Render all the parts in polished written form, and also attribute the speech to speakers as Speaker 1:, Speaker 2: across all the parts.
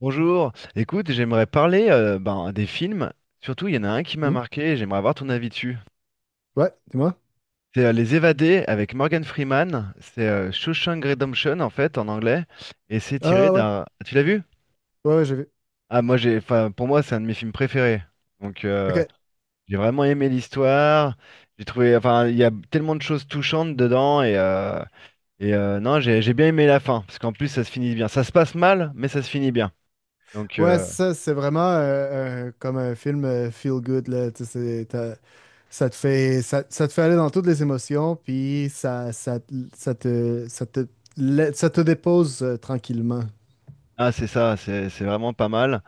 Speaker 1: Bonjour, écoute, j'aimerais parler ben, des films. Surtout, il y en a un qui m'a
Speaker 2: Hmm?
Speaker 1: marqué et j'aimerais avoir ton avis dessus.
Speaker 2: Ouais, dis-moi.
Speaker 1: C'est Les Évadés avec Morgan Freeman. C'est Shawshank Redemption en fait en anglais.
Speaker 2: Ah ouais,
Speaker 1: Tu l'as vu?
Speaker 2: ouais, ouais, j'ai vu.
Speaker 1: Enfin, pour moi, c'est un de mes films préférés. Donc
Speaker 2: Ok.
Speaker 1: j'ai vraiment aimé l'histoire. Enfin, il y a tellement de choses touchantes dedans. Non, j'ai bien aimé la fin. Parce qu'en plus ça se finit bien. Ça se passe mal mais ça se finit bien. Donc...
Speaker 2: Ouais,
Speaker 1: euh,
Speaker 2: ça, c'est vraiment comme un film feel good, là. Tu sais, ça te fait aller dans toutes les émotions, puis ça te, ça te, ça te dépose tranquillement.
Speaker 1: Ah, c'est ça, c'est vraiment pas mal.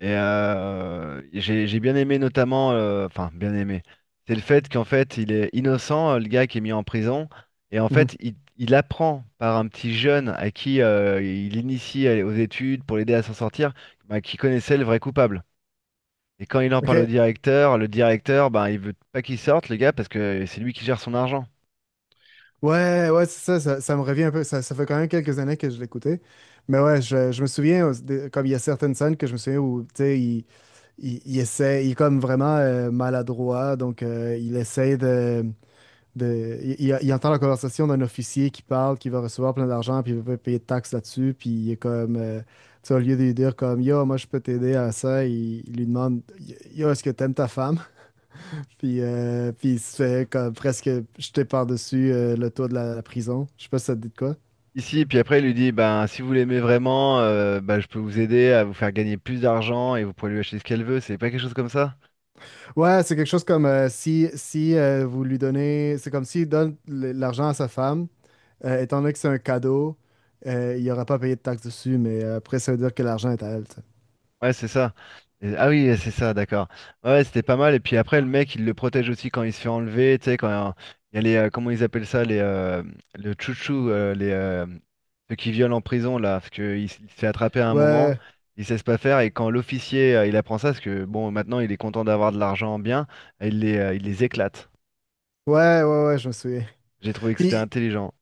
Speaker 1: Et j'ai bien aimé notamment, enfin bien aimé, c'est le fait qu'en fait il est innocent, le gars qui est mis en prison, et en
Speaker 2: Mhm.
Speaker 1: fait il apprend par un petit jeune à qui il initie aux études pour l'aider à s'en sortir, bah, qui connaissait le vrai coupable. Et quand il en parle au
Speaker 2: Ok.
Speaker 1: directeur, le directeur, ben il veut pas qu'il sorte le gars parce que c'est lui qui gère son argent.
Speaker 2: Ouais, ouais, c'est ça, ça me revient un peu. Ça fait quand même quelques années que je l'écoutais. Mais ouais, je me souviens, comme il y a certaines scènes que je me souviens où, tu sais, il essaie, il est comme vraiment maladroit, donc il essaie il entend la conversation d'un officier qui parle, qui va recevoir plein d'argent, puis il veut pas payer de taxes là-dessus, puis il est comme, tu sais, au lieu de lui dire comme, yo, moi je peux t'aider à ça, il lui demande, yo, est-ce que t'aimes ta femme? Puis il se fait comme presque jeter par-dessus le toit de la prison. Je sais pas si ça te dit de quoi.
Speaker 1: Ici, puis après, il lui dit, ben, si vous l'aimez vraiment, ben, je peux vous aider à vous faire gagner plus d'argent et vous pourrez lui acheter ce qu'elle veut. C'est pas quelque chose comme ça?
Speaker 2: Ouais, c'est quelque chose comme si vous lui donnez, c'est comme s'il donne l'argent à sa femme, étant donné que c'est un cadeau, il n'aura pas payé de taxes dessus, mais après, ça veut dire que l'argent est à elle. Tu sais.
Speaker 1: Ouais, c'est ça. Ah, oui, c'est ça, d'accord. Ouais, ouais, c'était pas mal. Et puis après, le mec, il le protège aussi quand il se fait enlever. Tu sais, quand il y a les, comment ils appellent ça, les, le chouchou, les, ceux qui violent en prison, là, parce il se fait attraper à un moment,
Speaker 2: Ouais,
Speaker 1: il sait pas faire. Et quand l'officier, il apprend ça, parce que bon, maintenant, il est content d'avoir de l'argent bien, il les éclate.
Speaker 2: ouais, ouais, ouais, je me souviens.
Speaker 1: J'ai trouvé que c'était
Speaker 2: Puis,
Speaker 1: intelligent.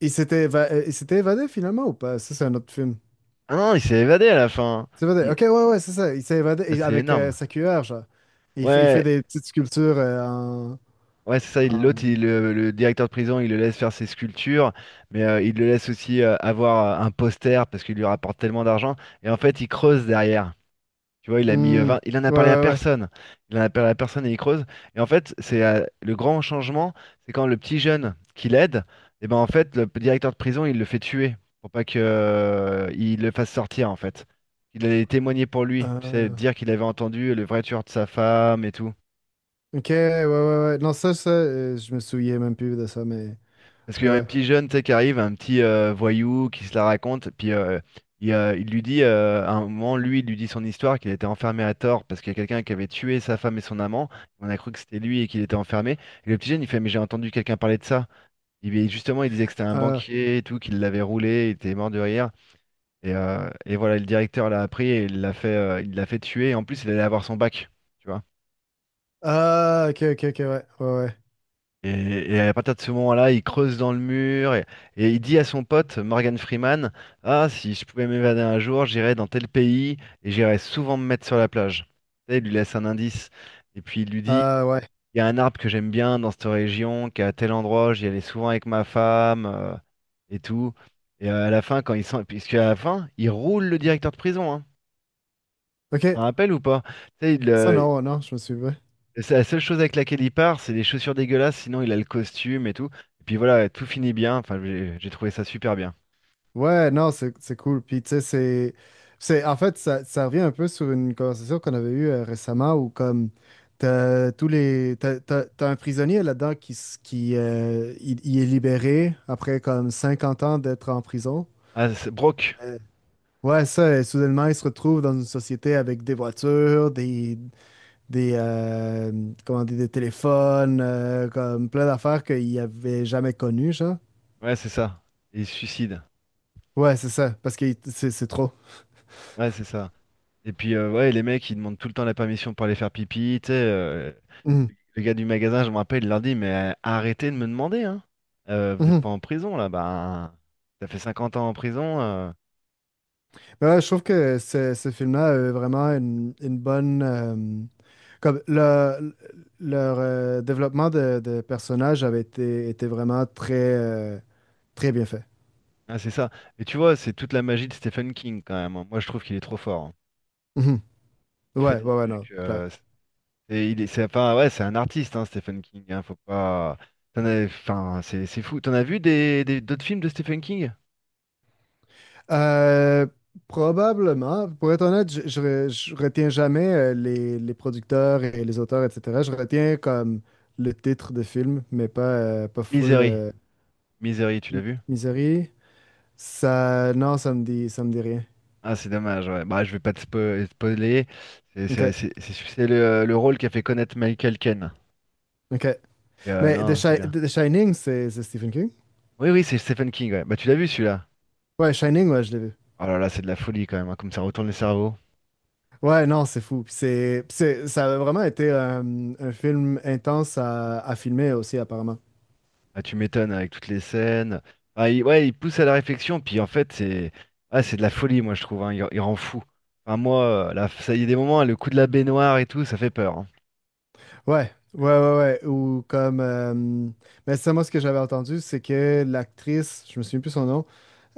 Speaker 2: il s'était évadé finalement ou pas? Ça, c'est un autre film.
Speaker 1: Ah non, il s'est évadé à la fin.
Speaker 2: Il s'est évadé.
Speaker 1: Il-
Speaker 2: Ok, ouais, ouais, c'est ça. Il s'est évadé
Speaker 1: Ah,
Speaker 2: et
Speaker 1: c'est
Speaker 2: avec
Speaker 1: énorme.
Speaker 2: sa cuillère, genre. Il fait
Speaker 1: Ouais,
Speaker 2: des petites sculptures
Speaker 1: ouais, c'est ça.
Speaker 2: en-
Speaker 1: L'autre, le directeur de prison, il le laisse faire ses sculptures, mais il le laisse aussi avoir un poster parce qu'il lui rapporte tellement d'argent. Et en fait, il creuse derrière. Tu vois, il a mis
Speaker 2: Hmm.
Speaker 1: 20 il en a
Speaker 2: Ouais,
Speaker 1: parlé à
Speaker 2: ouais, ouais.
Speaker 1: personne. Il en a parlé à personne et il creuse. Et en fait, c'est le grand changement, c'est quand le petit jeune qui l'aide, et ben en fait, directeur de prison, il le fait tuer pour pas que il le fasse sortir en fait. Il allait témoigner pour lui, tu sais,
Speaker 2: Euh,
Speaker 1: dire qu'il avait entendu le vrai tueur de sa femme et tout.
Speaker 2: Ok, ouais, ouais, ouais. Non, je me souviens même plus de ça, mais,
Speaker 1: Parce qu'il
Speaker 2: mais
Speaker 1: y a un
Speaker 2: ouais.
Speaker 1: petit jeune, tu sais, qui arrive, un petit voyou qui se la raconte, puis il lui dit, à un moment, lui, il lui dit son histoire, qu'il était enfermé à tort parce qu'il y a quelqu'un qui avait tué sa femme et son amant. On a cru que c'était lui et qu'il était enfermé. Et le petit jeune, il fait, mais j'ai entendu quelqu'un parler de ça. Et justement, il disait que c'était un
Speaker 2: Ah,
Speaker 1: banquier et tout, qu'il l'avait roulé, il était mort de rire. Et voilà, le directeur l'a appris et il l'a fait tuer. Et en plus, il allait avoir son bac, tu vois.
Speaker 2: ah, ok, ok, ok, ouais, ouais, ouais.
Speaker 1: Et à partir de ce moment-là, il creuse dans le mur et il dit à son pote Morgan Freeman, ah, si je pouvais m'évader un jour, j'irais dans tel pays et j'irais souvent me mettre sur la plage. Tu sais, il lui laisse un indice. Et puis il lui dit,
Speaker 2: Ah, ouais.
Speaker 1: il y a un arbre que j'aime bien dans cette région, qui est à tel endroit, j'y allais souvent avec ma femme et tout. Et à la fin, quand il sent, puisque à la fin, il roule le directeur de prison, hein.
Speaker 2: Ok,
Speaker 1: T'en rappelles ou pas? Tu sais, il,
Speaker 2: ça,
Speaker 1: euh,
Speaker 2: non, ouais, non, je me souviens.
Speaker 1: c'est la seule chose avec laquelle il part, c'est les chaussures dégueulasses, sinon il a le costume et tout. Et puis voilà, tout finit bien. Enfin, j'ai trouvé ça super bien.
Speaker 2: Ouais, non, c'est cool. Puis, tu sais, en fait, ça revient un peu sur une conversation qu'on avait eue récemment où, comme, t'as tous les. T'as un prisonnier là-dedans qui, s- qui il est libéré après, comme, 50 ans d'être en prison.
Speaker 1: Ah, c'est Brock.
Speaker 2: Euh, Ouais, ça, soudainement, ils se retrouvent dans une société avec des voitures, des, euh, comment dire, des téléphones, comme plein d'affaires qu'ils n'avaient jamais connues, genre.
Speaker 1: Ouais, c'est ça. Et il se suicide.
Speaker 2: Ouais, c'est ça, parce que c'est trop.
Speaker 1: Ouais, c'est ça. Et puis, ouais, les mecs, ils demandent tout le temps la permission pour aller faire pipi. Tu sais,
Speaker 2: Mhm.
Speaker 1: le gars du magasin, je me rappelle, il leur dit, mais arrêtez de me demander, hein. Vous n'êtes
Speaker 2: Mhm.
Speaker 1: pas en prison, là. Bah, ça fait 50 ans en prison.
Speaker 2: Mais ouais, je trouve que ce film-là a vraiment une bonne, comme leur développement de personnages avait été, était vraiment très, très bien fait.
Speaker 1: Ah, c'est ça. Et tu vois, c'est toute la magie de Stephen King, quand même, hein. Moi, je trouve qu'il est trop fort, hein.
Speaker 2: Mhm.
Speaker 1: Il fait
Speaker 2: Ouais,
Speaker 1: des
Speaker 2: ouais, ouais, non,
Speaker 1: trucs.
Speaker 2: clair.
Speaker 1: Et il est, c'est, enfin, ouais, c'est un artiste, hein, Stephen King, hein. Faut pas. Enfin, c'est fou. T'en as vu des, d'autres films de Stephen King?
Speaker 2: Euh, Probablement. Pour être honnête, je retiens jamais les producteurs et les auteurs, etc. Je retiens comme le titre de film, mais pas full
Speaker 1: Misery. Misery, tu l'as vu?
Speaker 2: Misery. Ça, non, ça me dit rien.
Speaker 1: Ah, c'est dommage. Ouais. Bah, je vais pas te spoiler. C'est
Speaker 2: OK,
Speaker 1: c'est- c'est- c'est- c'est le rôle qui a fait connaître Michael Caine.
Speaker 2: OK.
Speaker 1: Et,
Speaker 2: Mais
Speaker 1: non, c'est bien.
Speaker 2: The Shining, c'est Stephen King?
Speaker 1: Oui, oui, c'est Stephen King, ouais. Bah, tu l'as vu celui-là?
Speaker 2: Ouais, Shining, ouais, je l'ai vu.
Speaker 1: Oh là là, c'est de la folie quand même, hein, comme ça retourne le cerveau.
Speaker 2: Ouais, non, c'est fou. Puis ça a vraiment été un film intense à filmer aussi, apparemment.
Speaker 1: Ah, tu m'étonnes avec toutes les scènes. Ah, ouais, il pousse à la réflexion, puis en fait, c'est de la folie, moi, je trouve, hein. Il rend fou. Enfin, moi, là, ça y est, des moments, hein, le coup de la baignoire et tout, ça fait peur, hein.
Speaker 2: Ouais, ouais, ouais, ouais. Ou comme. Mais ça, moi, ce que j'avais entendu, c'est que l'actrice, je me souviens plus son nom,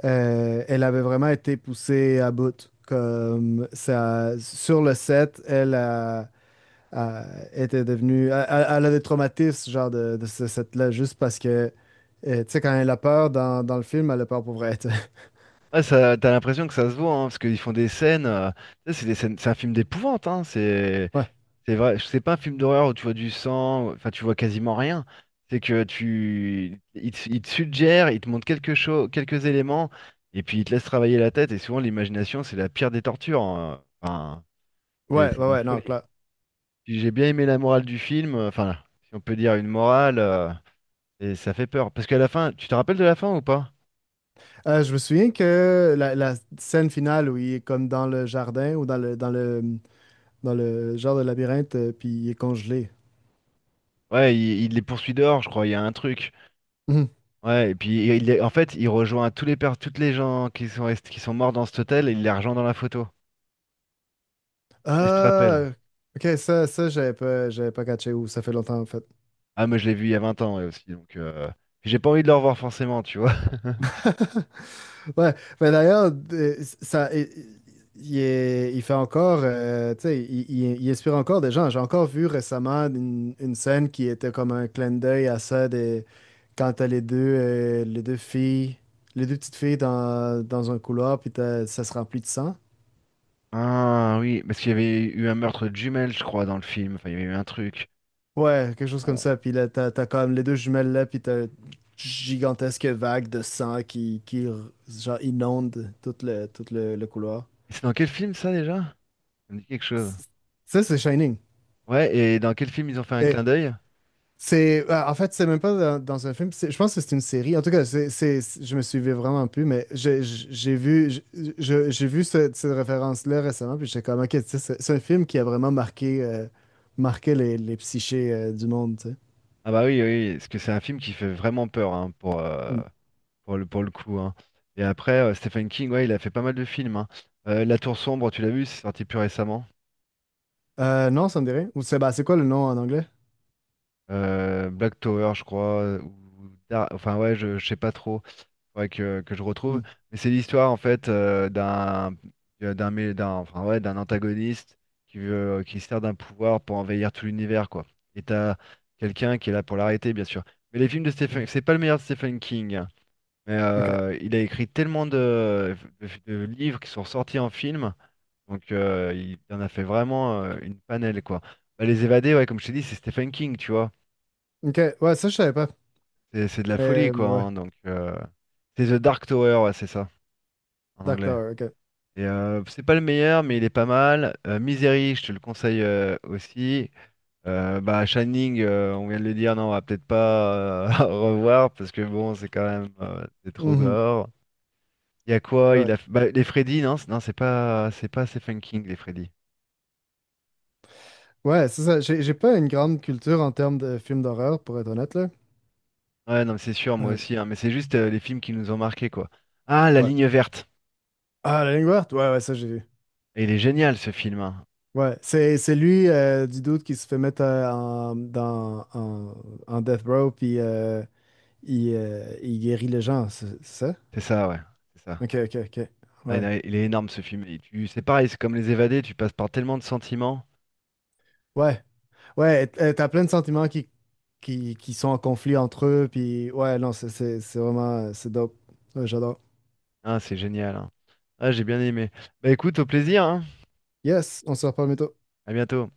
Speaker 2: elle avait vraiment été poussée à bout. Comme ça, sur le set, elle a- était devenue. Elle a des traumatismes, genre, de ce set-là, juste parce que. Tu sais, quand elle a peur dans le film, elle a peur pour vrai. Tu sais.
Speaker 1: Ouais, ça, t'as l'impression que ça se voit, hein, parce qu'ils font des scènes. Ça, c'est des scènes, c'est un film d'épouvante. Hein,
Speaker 2: Ouais,
Speaker 1: c'est vrai, c'est pas un film d'horreur où tu vois du sang, enfin, tu vois quasiment rien. C'est que tu. Il te, Il te suggère, il te montre quelque chose, quelques éléments, et puis il te laisse travailler la tête, et souvent, l'imagination, c'est la pire des tortures, hein. Enfin, c'est
Speaker 2: ouais, ouais,
Speaker 1: de la
Speaker 2: ouais, non,
Speaker 1: folie.
Speaker 2: clair.
Speaker 1: Puis j'ai bien aimé la morale du film, enfin, si on peut dire une morale, et ça fait peur. Parce qu'à la fin, tu te rappelles de la fin ou pas?
Speaker 2: Je me souviens que la scène finale où il est comme dans le jardin ou dans le genre de labyrinthe, puis il est congelé.
Speaker 1: Ouais, il les poursuit dehors, je crois, il y a un truc.
Speaker 2: Mhm.
Speaker 1: Ouais, et puis en fait, il rejoint tous les toutes les gens qui sont qui sont morts dans cet hôtel et il les rejoint dans la photo. Et je te rappelle.
Speaker 2: Ah, ok, ça j'avais pas catché ou ça fait longtemps en fait.
Speaker 1: Ah, moi, je l'ai vu il y a 20 ans ouais, aussi, donc j'ai pas envie de le revoir forcément, tu vois.
Speaker 2: Ouais, mais d'ailleurs, ça, il fait encore, tu sais, il inspire encore des gens. J'ai encore vu récemment une scène qui était comme un clin d'œil à ça quand t'as les deux filles, les deux petites filles dans un couloir, puis ça se remplit de sang.
Speaker 1: Ah oui, parce qu'il y avait eu un meurtre de jumelles, je crois, dans le film. Enfin, il y avait eu un truc.
Speaker 2: Ouais, quelque chose comme
Speaker 1: Euh,
Speaker 2: ça. Puis là, t'as comme les deux jumelles là, puis t'as une gigantesque vague de sang qui, inonde tout le couloir.
Speaker 1: C'est dans quel film ça déjà? Ça me dit quelque chose.
Speaker 2: C- Ça, c'est Shining.
Speaker 1: Ouais, et dans quel film ils ont fait un
Speaker 2: Et
Speaker 1: clin d'œil?
Speaker 2: c'est, en fait, c'est même pas dans un film. Je pense que c'est une série. En tout cas, je me suivais vraiment plus, mais j'ai vu, j'ai vu cette référence-là récemment, puis j'étais comme, ok, tu sais, c'est un film qui a vraiment marqué les psychés, du monde, tu sais.
Speaker 1: Ah bah oui, oui, parce que c'est un film qui fait vraiment peur, hein,
Speaker 2: Mm.
Speaker 1: pour le coup, hein. Et après, Stephen King, ouais, il a fait pas mal de films, hein. La Tour Sombre, tu l'as vu, c'est sorti plus récemment.
Speaker 2: Non, ça me dirait. Ou c'est bah, c'est quoi le nom en anglais?
Speaker 1: Black Tower, je crois. Ou enfin ouais, je sais pas trop. Faudrait que je retrouve.
Speaker 2: Mm.
Speaker 1: Mais c'est l'histoire en fait d'un enfin, ouais, d'un antagoniste qui veut qui sert d'un pouvoir pour envahir tout l'univers quoi. Et t'as quelqu'un qui est là pour l'arrêter bien sûr. Mais les films de
Speaker 2: Mm.
Speaker 1: Stephen, c'est pas le meilleur de Stephen King, hein. Mais
Speaker 2: Ok.
Speaker 1: il a écrit tellement de, de livres qui sont sortis en film, donc il en a fait vraiment une panelle quoi. Bah, les évadés, ouais, comme je t'ai dit, c'est Stephen King, tu vois.
Speaker 2: Ok. Ouais, ça, je savais pas.
Speaker 1: C'est de la folie
Speaker 2: Mais
Speaker 1: quoi,
Speaker 2: mais ouais.
Speaker 1: hein, donc c'est The Dark Tower, ouais, c'est ça en anglais.
Speaker 2: Docteur, ok.
Speaker 1: Et, c'est pas le meilleur, mais il est pas mal. Misery, je te le conseille aussi. Bah, Shining, on vient de le dire, non, on va peut-être pas revoir parce que bon, c'est quand même c'est trop
Speaker 2: Mhm.
Speaker 1: gore. Il y a quoi?
Speaker 2: Ouais.
Speaker 1: Il a bah, les Freddy, non, non, c'est pas Stephen King les Freddy.
Speaker 2: Ouais, c'est ça. J'ai pas une grande culture en termes de films d'horreur, pour être honnête, là.
Speaker 1: Ouais, non, mais c'est sûr, moi
Speaker 2: Euh,
Speaker 1: aussi, hein, mais c'est juste les films qui nous ont marqués quoi. Ah, La
Speaker 2: ouais.
Speaker 1: Ligne verte.
Speaker 2: Ah, La Ligne verte? Ouais, ouais, ça, j'ai vu.
Speaker 1: Et il est génial ce film, hein.
Speaker 2: Ouais. C'est lui du doute qui se fait mettre en Death Row, puis il guérit les gens, c'est ça?
Speaker 1: C'est ça, ouais, c'est ça.
Speaker 2: Ok, ok, ok.
Speaker 1: Ah,
Speaker 2: Ouais.
Speaker 1: il est énorme ce film. Et c'est pareil, c'est comme Les Évadés, tu passes par tellement de sentiments.
Speaker 2: Ouais, ouais, et t'as plein de sentiments qui sont en conflit entre eux, puis ouais, non, c'est vraiment, c'est dope. Ouais, j'adore.
Speaker 1: Ah, c'est génial, hein. Ah, j'ai bien aimé. Bah écoute, au plaisir, hein.
Speaker 2: Yes, on se reparle bientôt.
Speaker 1: À bientôt.